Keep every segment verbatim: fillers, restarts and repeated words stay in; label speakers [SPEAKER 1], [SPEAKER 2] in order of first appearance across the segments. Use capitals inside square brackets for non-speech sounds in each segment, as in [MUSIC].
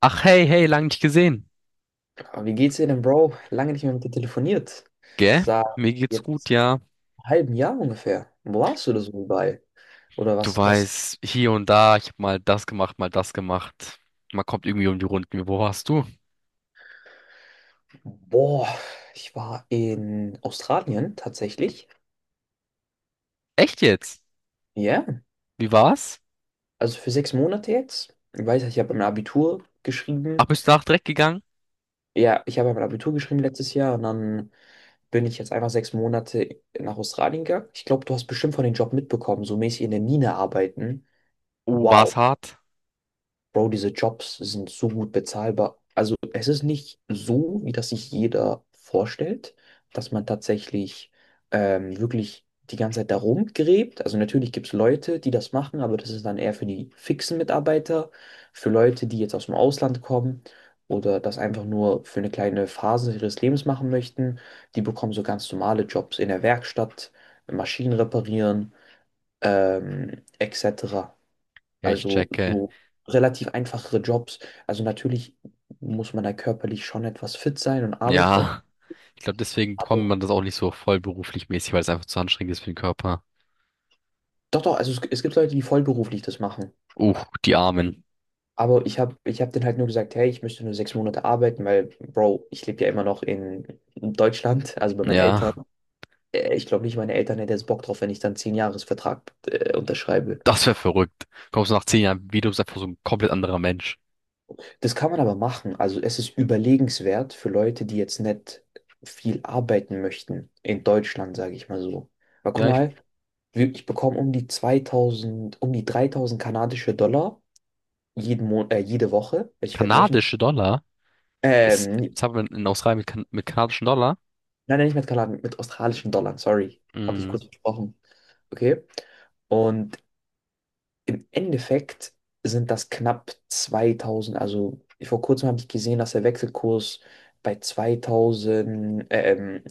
[SPEAKER 1] Ach hey, hey, lang nicht gesehen.
[SPEAKER 2] Aber wie geht's dir denn, Bro? Lange nicht mehr mit dir telefoniert.
[SPEAKER 1] Gell?
[SPEAKER 2] Seit
[SPEAKER 1] Mir geht's gut,
[SPEAKER 2] jetzt
[SPEAKER 1] ja.
[SPEAKER 2] einem halben Jahr ungefähr. Wo warst du da so überall? Oder
[SPEAKER 1] Du
[SPEAKER 2] was, was?
[SPEAKER 1] weißt, hier und da, ich hab mal das gemacht, mal das gemacht. Man kommt irgendwie um die Runden. Wo warst du?
[SPEAKER 2] Boah, ich war in Australien tatsächlich.
[SPEAKER 1] Echt jetzt?
[SPEAKER 2] Ja,
[SPEAKER 1] Wie war's?
[SPEAKER 2] also für sechs Monate jetzt. Ich weiß, ich habe mein Abitur
[SPEAKER 1] Ach,
[SPEAKER 2] geschrieben.
[SPEAKER 1] bist du nach direkt gegangen?
[SPEAKER 2] Ja, ich habe mein Abitur geschrieben letztes Jahr und dann bin ich jetzt einfach sechs Monate nach Australien gegangen. Ich glaube, du hast bestimmt von dem Job mitbekommen, so mäßig in der Mine arbeiten.
[SPEAKER 1] Oh, war's
[SPEAKER 2] Wow.
[SPEAKER 1] hart?
[SPEAKER 2] Bro, diese Jobs sind so gut bezahlbar. Also es ist nicht so, wie das sich jeder vorstellt, dass man tatsächlich ähm, wirklich die ganze Zeit da rumgräbt. Also natürlich gibt es Leute, die das machen, aber das ist dann eher für die fixen Mitarbeiter, für Leute, die jetzt aus dem Ausland kommen oder das einfach nur für eine kleine Phase ihres Lebens machen möchten. Die bekommen so ganz normale Jobs in der Werkstatt, Maschinen reparieren, ähm, et cetera.
[SPEAKER 1] Ja, ich
[SPEAKER 2] Also
[SPEAKER 1] checke.
[SPEAKER 2] so relativ einfachere Jobs. Also natürlich muss man da körperlich schon etwas fit sein und arbeitet auch.
[SPEAKER 1] Ja, ich glaube, deswegen bekommt
[SPEAKER 2] Aber
[SPEAKER 1] man das auch nicht so vollberuflich mäßig, weil es einfach zu anstrengend ist für den Körper.
[SPEAKER 2] doch, doch, also es, es gibt Leute, die vollberuflich das machen.
[SPEAKER 1] Uh, Die Armen.
[SPEAKER 2] Aber ich habe ich hab denen halt nur gesagt, hey, ich müsste nur sechs Monate arbeiten, weil, Bro, ich lebe ja immer noch in Deutschland, also bei meinen Eltern.
[SPEAKER 1] Ja,
[SPEAKER 2] Äh, Ich glaube nicht, meine Eltern hätten jetzt Bock drauf, wenn ich dann zehn Jahresvertrag äh, unterschreibe.
[SPEAKER 1] das wäre verrückt. Kommst du nach zehn Jahren wieder, bist einfach so ein komplett anderer Mensch.
[SPEAKER 2] Das kann man aber machen. Also es ist überlegenswert für Leute, die jetzt nicht viel arbeiten möchten in Deutschland, sage ich mal so. Aber guck
[SPEAKER 1] Ja, ich,
[SPEAKER 2] mal, Wir- ich bekomme um die zweitausend, um die dreitausend kanadische Dollar jeden Mon äh, jede Woche. also ich werde wöchentlich.
[SPEAKER 1] kanadische Dollar. Ist,
[SPEAKER 2] Ähm, nie-
[SPEAKER 1] jetzt haben wir in Australien mit, kan mit kanadischen Dollar.
[SPEAKER 2] nein, nein, nicht mit Kanadien, mit australischen Dollar, sorry. Habe ich
[SPEAKER 1] Mm,
[SPEAKER 2] kurz versprochen. Okay. Und im Endeffekt sind das knapp zweitausend. Also vor kurzem habe ich gesehen, dass der Wechselkurs bei zweitausend, ähm,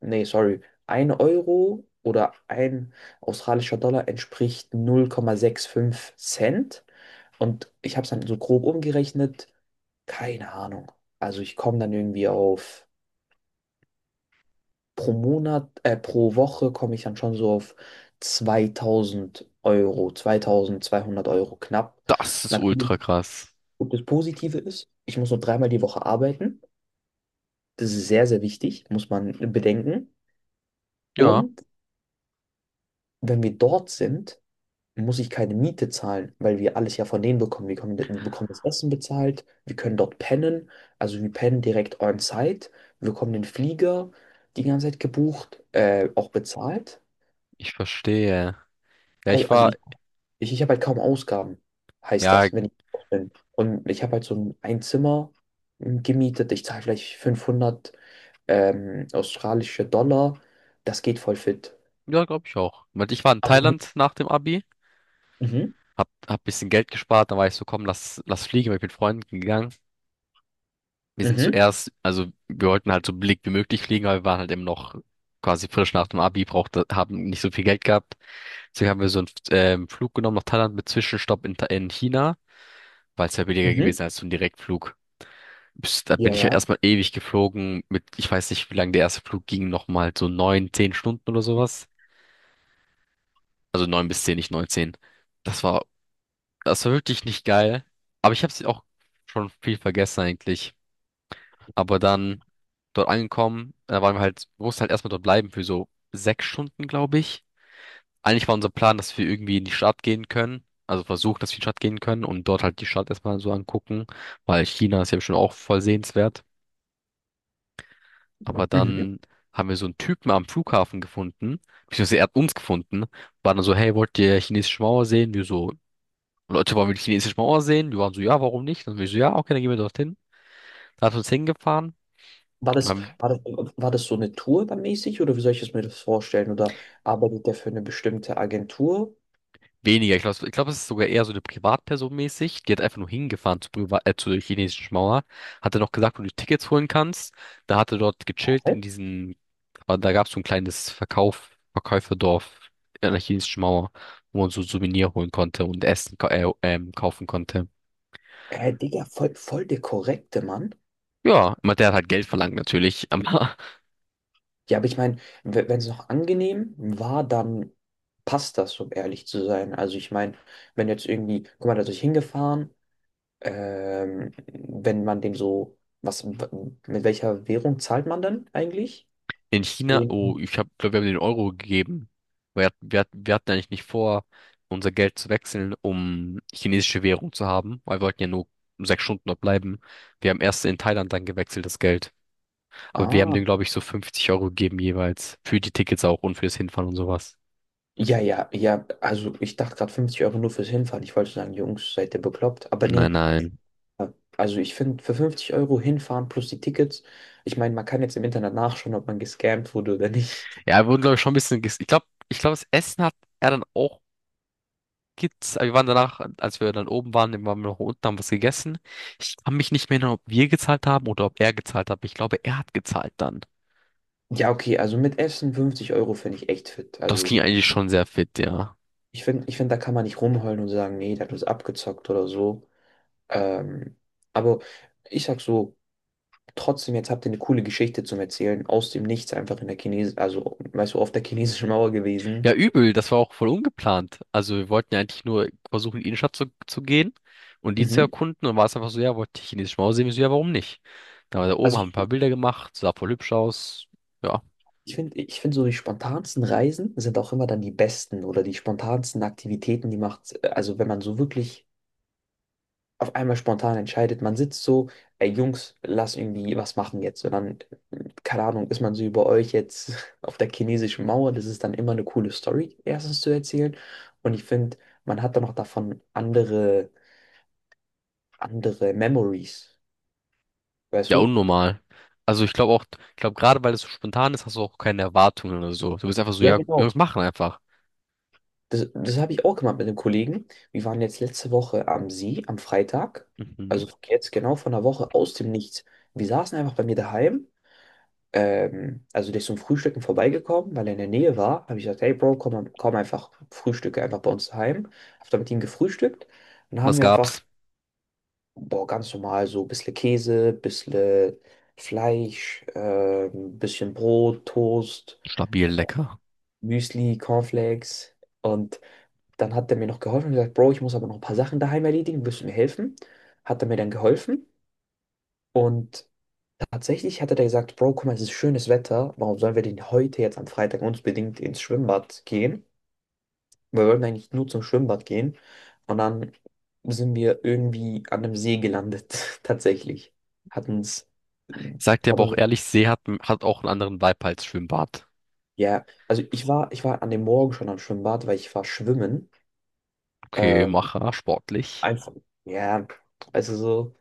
[SPEAKER 2] nee, sorry, ein Euro oder ein australischer Dollar entspricht null Komma fünfundsechzig Cent. Und ich habe es dann so grob umgerechnet. Keine Ahnung. Also ich komme dann irgendwie auf, pro Monat, äh, pro Woche komme ich dann schon so auf zweitausend Euro, zweitausendzweihundert Euro knapp.
[SPEAKER 1] Das ist
[SPEAKER 2] Natürlich,
[SPEAKER 1] ultra krass.
[SPEAKER 2] und das Positive ist, ich muss nur dreimal die Woche arbeiten. Das ist sehr, sehr wichtig, muss man bedenken.
[SPEAKER 1] Ja,
[SPEAKER 2] Und wenn wir dort sind, muss ich keine Miete zahlen, weil wir alles ja von denen bekommen. Wir bekommen, wir bekommen das Essen bezahlt, wir können dort pennen, also wir pennen direkt on-site, wir bekommen den Flieger die ganze Zeit gebucht, äh, auch bezahlt.
[SPEAKER 1] ich verstehe. Ja,
[SPEAKER 2] Weil,
[SPEAKER 1] ich
[SPEAKER 2] Also
[SPEAKER 1] war,
[SPEAKER 2] ich, ich, ich habe halt kaum Ausgaben, heißt
[SPEAKER 1] ja,
[SPEAKER 2] das, wenn ich dort bin. Und ich habe halt so ein, ein Zimmer mm, gemietet, ich zahle vielleicht fünfhundert ähm, australische Dollar, das geht voll fit.
[SPEAKER 1] ja, glaube ich auch. Weil ich war in
[SPEAKER 2] Also, mhm,
[SPEAKER 1] Thailand nach dem Abi,
[SPEAKER 2] mhm,
[SPEAKER 1] hab, hab bisschen Geld gespart, dann war ich so, komm, lass, lass fliegen, bin ich mit Freunden gegangen. Wir sind
[SPEAKER 2] mhm,
[SPEAKER 1] zuerst, also wir wollten halt so billig wie möglich fliegen, aber wir waren halt eben noch quasi frisch nach dem Abi, brauchte, haben nicht so viel Geld gehabt. Deswegen haben wir so einen ähm, Flug genommen nach Thailand mit Zwischenstopp in, Tha- in China, weil es ja billiger
[SPEAKER 2] mhm.
[SPEAKER 1] gewesen als so ein Direktflug. Bis- Da bin
[SPEAKER 2] Ja,
[SPEAKER 1] ich ja
[SPEAKER 2] ja.
[SPEAKER 1] erstmal ewig geflogen mit, ich weiß nicht, wie lange der erste Flug ging, nochmal so neun, zehn Stunden oder sowas. Also neun bis zehn, nicht neun, zehn. Das war, das war wirklich nicht geil. Aber ich habe es auch schon viel vergessen eigentlich. Aber dann dort angekommen, da waren wir halt, wir mussten halt erstmal dort bleiben für so sechs Stunden, glaube ich. Eigentlich war unser Plan, dass wir irgendwie in die Stadt gehen können. Also versuchen, dass wir in die Stadt gehen können und dort halt die Stadt erstmal so angucken, weil China ist ja schon auch voll sehenswert. Aber
[SPEAKER 2] Mhm.
[SPEAKER 1] dann haben wir so einen Typen am Flughafen gefunden, beziehungsweise er hat uns gefunden, war dann so, hey, wollt ihr chinesische Mauer sehen? Wir so, Leute, wollen wir die chinesische Mauer sehen? Wir waren so, ja, warum nicht? Dann wir so, ja, okay, dann gehen wir dorthin. Dann hat er uns hingefahren
[SPEAKER 2] War
[SPEAKER 1] und
[SPEAKER 2] das,
[SPEAKER 1] haben.
[SPEAKER 2] war das, war das so eine Tour dann mäßig oder wie soll ich es mir das vorstellen? Oder arbeitet der für eine bestimmte Agentur?
[SPEAKER 1] Weniger, ich glaube, ich glaub, es ist sogar eher so eine Privatperson mäßig. Die hat einfach nur hingefahren zur, Priva äh, zur chinesischen Mauer. Hatte noch gesagt, wo du Tickets holen kannst. Da hatte dort gechillt
[SPEAKER 2] Hä?
[SPEAKER 1] in diesen, aber da gab es so ein kleines Verkauf, Verkäuferdorf an der chinesischen Mauer, wo man so Souvenir holen konnte und Essen ka- äh, ähm, kaufen konnte.
[SPEAKER 2] Äh, Digga, voll, voll der korrekte Mann.
[SPEAKER 1] Ja, aber der hat halt Geld verlangt natürlich, [LAUGHS] aber
[SPEAKER 2] Ja, aber ich meine, wenn es noch angenehm war, dann passt das, um ehrlich zu sein. Also ich meine, wenn jetzt irgendwie, guck mal, da ist ich hingefahren, ähm, wenn man dem so, was, mit welcher Währung zahlt man dann eigentlich?
[SPEAKER 1] in China, oh,
[SPEAKER 2] Mhm.
[SPEAKER 1] ich habe, glaube, wir haben den Euro gegeben. Wir, hat- wir, hat- wir hatten eigentlich nicht vor, unser Geld zu wechseln, um chinesische Währung zu haben, weil wir wollten ja nur sechs Stunden dort bleiben. Wir haben erst in Thailand dann gewechselt, das Geld. Aber wir haben
[SPEAKER 2] Ah,
[SPEAKER 1] dem, glaube ich, so fünfzig Euro gegeben jeweils. Für die Tickets auch und fürs Hinfahren und sowas.
[SPEAKER 2] ja, ja, ja, also ich dachte gerade fünfzig Euro nur fürs Hinfahren. Ich wollte sagen, Jungs, seid ihr bekloppt? Aber
[SPEAKER 1] Nein,
[SPEAKER 2] nee,
[SPEAKER 1] nein.
[SPEAKER 2] äh, also ich finde, für fünfzig Euro hinfahren plus die Tickets, ich meine, man kann jetzt im Internet nachschauen, ob man gescammt wurde oder nicht. [LAUGHS]
[SPEAKER 1] Ja, wir wurden, glaube ich, schon ein bisschen ges- Ich glaube, ich glaube, das Essen hat er dann auch gibt's, wir waren danach, als wir dann oben waren, waren wir noch unten, haben was gegessen. Ich kann mich nicht mehr erinnern, ob wir gezahlt haben oder ob er gezahlt hat. Ich glaube, er hat gezahlt dann.
[SPEAKER 2] Ja, okay, also mit Essen fünfzig Euro finde ich echt fit.
[SPEAKER 1] Das
[SPEAKER 2] Also
[SPEAKER 1] ging eigentlich schon sehr fit, ja.
[SPEAKER 2] ich finde, ich find, da kann man nicht rumheulen und sagen, nee, der hat uns abgezockt oder so. Ähm, aber ich sag so, trotzdem, jetzt habt ihr eine coole Geschichte zum Erzählen, aus dem Nichts einfach in der Chines, also weißt du, auf der chinesischen Mauer
[SPEAKER 1] Ja,
[SPEAKER 2] gewesen.
[SPEAKER 1] übel, das war auch voll ungeplant. Also wir wollten ja eigentlich nur versuchen, in die Innenstadt zu, zu gehen und die zu
[SPEAKER 2] Mhm.
[SPEAKER 1] erkunden. Und war es einfach so, ja, wollte ich chinesische Mauer sehen, ich so, ja, warum nicht? Da war da oben,
[SPEAKER 2] Also
[SPEAKER 1] haben ein paar Bilder gemacht, sah voll hübsch aus. Ja,
[SPEAKER 2] Ich finde, ich finde so die spontansten Reisen sind auch immer dann die besten oder die spontansten Aktivitäten, die macht, also wenn man so wirklich auf einmal spontan entscheidet, man sitzt so, ey Jungs, lass irgendwie was machen jetzt. Und dann, äh, keine Ahnung, ist man so über euch jetzt [LAUGHS] auf der chinesischen Mauer, das ist dann immer eine coole Story, erstens zu erzählen. Und ich finde, man hat dann auch davon andere, andere, Memories, weißt
[SPEAKER 1] ja,
[SPEAKER 2] du?
[SPEAKER 1] unnormal. Also ich glaube auch, ich glaube gerade weil es so spontan ist, hast du auch keine Erwartungen oder so. Du bist einfach so,
[SPEAKER 2] Ja,
[SPEAKER 1] ja, wir
[SPEAKER 2] genau.
[SPEAKER 1] müssen machen einfach.
[SPEAKER 2] Das, das habe ich auch gemacht mit einem Kollegen. Wir waren jetzt letzte Woche am See, am Freitag.
[SPEAKER 1] Mhm.
[SPEAKER 2] Also jetzt genau vor einer Woche aus dem Nichts. Wir saßen einfach bei mir daheim. Ähm, also der ist zum Frühstücken vorbeigekommen, weil er in der Nähe war. Habe ich gesagt, hey Bro, komm, komm einfach, frühstücke einfach bei uns daheim. Habe dann mit ihm gefrühstückt. Und dann haben
[SPEAKER 1] Was
[SPEAKER 2] wir einfach,
[SPEAKER 1] gab's?
[SPEAKER 2] boah, ganz normal so ein bisschen Käse, ein bisschen Fleisch, äh, ein bisschen Brot, Toast,
[SPEAKER 1] Stabil, lecker.
[SPEAKER 2] Müsli, Cornflakes. Und dann hat er mir noch geholfen und gesagt, Bro, ich muss aber noch ein paar Sachen daheim erledigen, willst du mir helfen? Hat er mir dann geholfen und tatsächlich hat er dann gesagt, Bro, guck mal, es ist schönes Wetter, warum sollen wir denn heute jetzt am Freitag unbedingt ins Schwimmbad gehen? Wir wollten eigentlich nur zum Schwimmbad gehen und dann sind wir irgendwie an einem See gelandet, [LAUGHS] tatsächlich. Hat uns,
[SPEAKER 1] Ich sag dir
[SPEAKER 2] hat
[SPEAKER 1] aber auch
[SPEAKER 2] uns,
[SPEAKER 1] ehrlich, See hat, hat auch einen anderen Vibe als Schwimmbad.
[SPEAKER 2] ja, also ich war, ich war an dem Morgen schon am Schwimmbad, weil ich war schwimmen.
[SPEAKER 1] Okay,
[SPEAKER 2] Ähm,
[SPEAKER 1] Macher, sportlich.
[SPEAKER 2] einfach, ja, also so.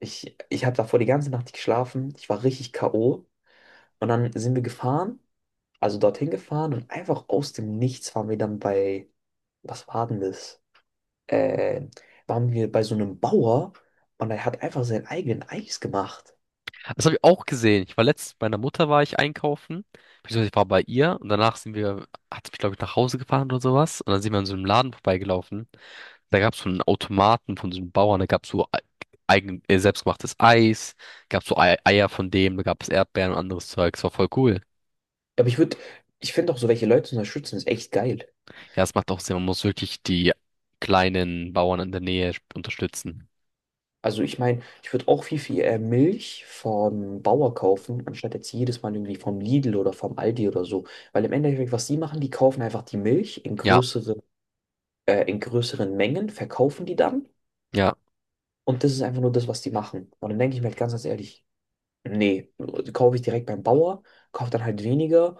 [SPEAKER 2] Ich, ich habe davor die ganze Nacht nicht geschlafen. Ich war richtig K O. Und dann sind wir gefahren, also dorthin gefahren und einfach aus dem Nichts waren wir dann bei, was war denn das? Äh, Waren wir bei so einem Bauer und er hat einfach seinen eigenen Eis gemacht.
[SPEAKER 1] Das habe ich auch gesehen. Ich war letztens mit meiner Mutter war ich einkaufen, beziehungsweise ich war bei ihr und danach sind wir, hat sie mich glaube ich nach Hause gefahren oder sowas und dann sind wir an so einem Laden vorbeigelaufen. Da gab's so einen Automaten von so einem Bauern, da gab's so ei- eigen, äh, selbstgemachtes Eis, gab's so Ei- Eier von dem, da gab's Erdbeeren und anderes Zeug. Das war voll cool.
[SPEAKER 2] Aber ich würde, ich finde auch so welche Leute zu unterstützen, ist echt geil.
[SPEAKER 1] Ja, es macht auch Sinn. Man muss wirklich die kleinen Bauern in der Nähe unterstützen.
[SPEAKER 2] Also ich meine, ich würde auch viel, viel äh, Milch vom Bauer kaufen, anstatt jetzt jedes Mal irgendwie vom Lidl oder vom Aldi oder so. Weil im Endeffekt, was die machen, die kaufen einfach die Milch in
[SPEAKER 1] Ja,
[SPEAKER 2] größere äh, in größeren Mengen, verkaufen die dann
[SPEAKER 1] ja,
[SPEAKER 2] und das ist einfach nur das, was die machen. Und dann denke ich mir halt ganz, ganz ehrlich, nee, kaufe ich direkt beim Bauer, kaufe dann halt weniger,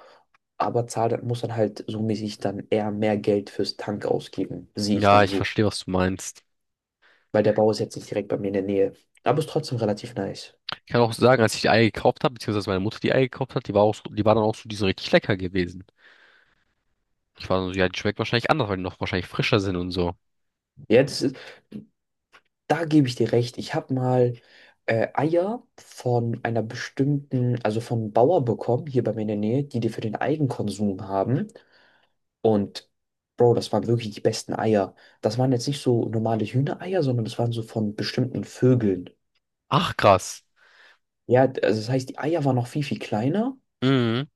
[SPEAKER 2] aber zahle, muss dann halt so mäßig dann eher mehr Geld fürs Tank ausgeben, sehe ich
[SPEAKER 1] ja,
[SPEAKER 2] dann
[SPEAKER 1] ich
[SPEAKER 2] so.
[SPEAKER 1] verstehe, was du meinst.
[SPEAKER 2] Weil der Bauer ist jetzt nicht direkt bei mir in der Nähe. Aber ist trotzdem relativ nice.
[SPEAKER 1] Ich kann auch sagen, als ich die Eier gekauft habe, beziehungsweise meine Mutter die Eier gekauft hat, die war auch so, die war dann auch so, die sind richtig lecker gewesen. Ich war so, ja, die schmeckt wahrscheinlich anders, weil die noch wahrscheinlich frischer sind und so.
[SPEAKER 2] Ja, das ist, da gebe ich dir recht. Ich habe mal äh, Eier von einer bestimmten, also von einem Bauer bekommen, hier bei mir in der Nähe, die die für den Eigenkonsum haben. Und Bro, das waren wirklich die besten Eier. Das waren jetzt nicht so normale Hühnereier, sondern das waren so von bestimmten Vögeln.
[SPEAKER 1] Ach, krass.
[SPEAKER 2] Ja, also das heißt, die Eier waren noch viel, viel kleiner.
[SPEAKER 1] Mhm.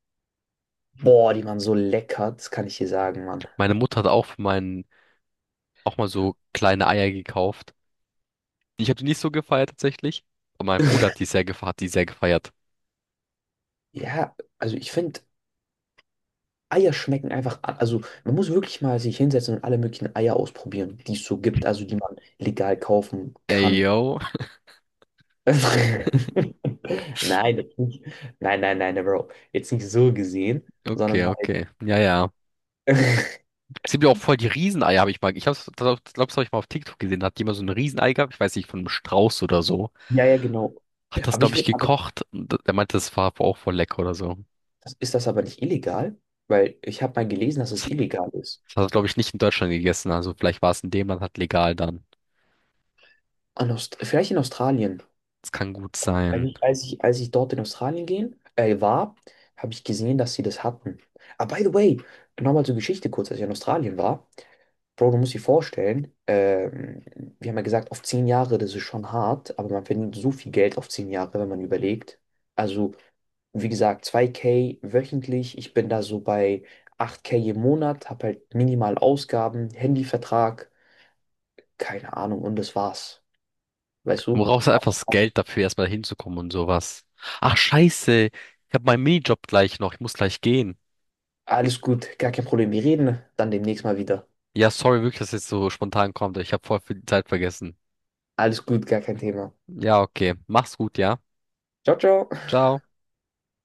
[SPEAKER 2] Boah, die waren so lecker, das kann ich dir sagen, Mann.
[SPEAKER 1] Meine Mutter hat auch für meinen, auch mal so kleine Eier gekauft. Ich habe die nicht so gefeiert tatsächlich. Aber mein Bruder hat die sehr gefeiert, hat die sehr gefeiert.
[SPEAKER 2] Ja, also ich finde, Eier schmecken einfach, a- also man muss wirklich mal sich hinsetzen und alle möglichen Eier ausprobieren, die es so gibt, also die man legal kaufen
[SPEAKER 1] Ey,
[SPEAKER 2] kann.
[SPEAKER 1] yo. [LAUGHS]
[SPEAKER 2] [LAUGHS] Nein, das nicht. Nein, nein, nein, Bro. Jetzt nicht so gesehen, sondern
[SPEAKER 1] Okay,
[SPEAKER 2] halt.
[SPEAKER 1] okay. Ja, ja.
[SPEAKER 2] [LAUGHS]
[SPEAKER 1] Es gibt ja auch voll die Rieseneier, habe ich mal. Ich hab's- glaub, das habe ich mal auf TikTok gesehen. Da hat jemand so ein Riesenei gehabt, ich weiß nicht, von einem Strauß oder so.
[SPEAKER 2] Ja, ja, genau.
[SPEAKER 1] Hat das,
[SPEAKER 2] Aber
[SPEAKER 1] glaube
[SPEAKER 2] ich
[SPEAKER 1] ich,
[SPEAKER 2] würde
[SPEAKER 1] gekocht. Und der meinte, das war auch voll lecker oder so.
[SPEAKER 2] Das, ist das aber nicht illegal? Weil ich habe mal gelesen, dass
[SPEAKER 1] Das
[SPEAKER 2] es
[SPEAKER 1] hat,
[SPEAKER 2] illegal ist.
[SPEAKER 1] das hat er, glaube ich, nicht in Deutschland gegessen. Also vielleicht war es in dem Land halt legal dann.
[SPEAKER 2] An Aust vielleicht in Australien.
[SPEAKER 1] Das kann gut
[SPEAKER 2] Als
[SPEAKER 1] sein.
[SPEAKER 2] ich, als ich, als ich dort in Australien gehen, äh, war, habe ich gesehen, dass sie das hatten. Ah, by the way, nochmal zur Geschichte kurz, als ich in Australien war. Bro, du musst dir vorstellen, ähm, wir haben ja gesagt, auf zehn Jahre, das ist schon hart, aber man verdient so viel Geld auf zehn Jahre, wenn man überlegt. Also, wie gesagt, zwei k wöchentlich. Ich bin da so bei acht k im Monat, habe halt minimal Ausgaben, Handyvertrag. Keine Ahnung, und das war's. Weißt
[SPEAKER 1] Du
[SPEAKER 2] du?
[SPEAKER 1] brauchst halt einfach das Geld dafür, erstmal hinzukommen und sowas. Ach, scheiße. Ich habe meinen Minijob gleich noch. Ich muss gleich gehen.
[SPEAKER 2] Alles gut, gar kein Problem. Wir reden dann demnächst mal wieder.
[SPEAKER 1] Ja, sorry wirklich, dass es jetzt so spontan kommt. Ich habe voll viel Zeit vergessen.
[SPEAKER 2] Alles gut, gar kein Thema.
[SPEAKER 1] Ja, okay. Mach's gut, ja.
[SPEAKER 2] Ciao, ciao.
[SPEAKER 1] Ciao.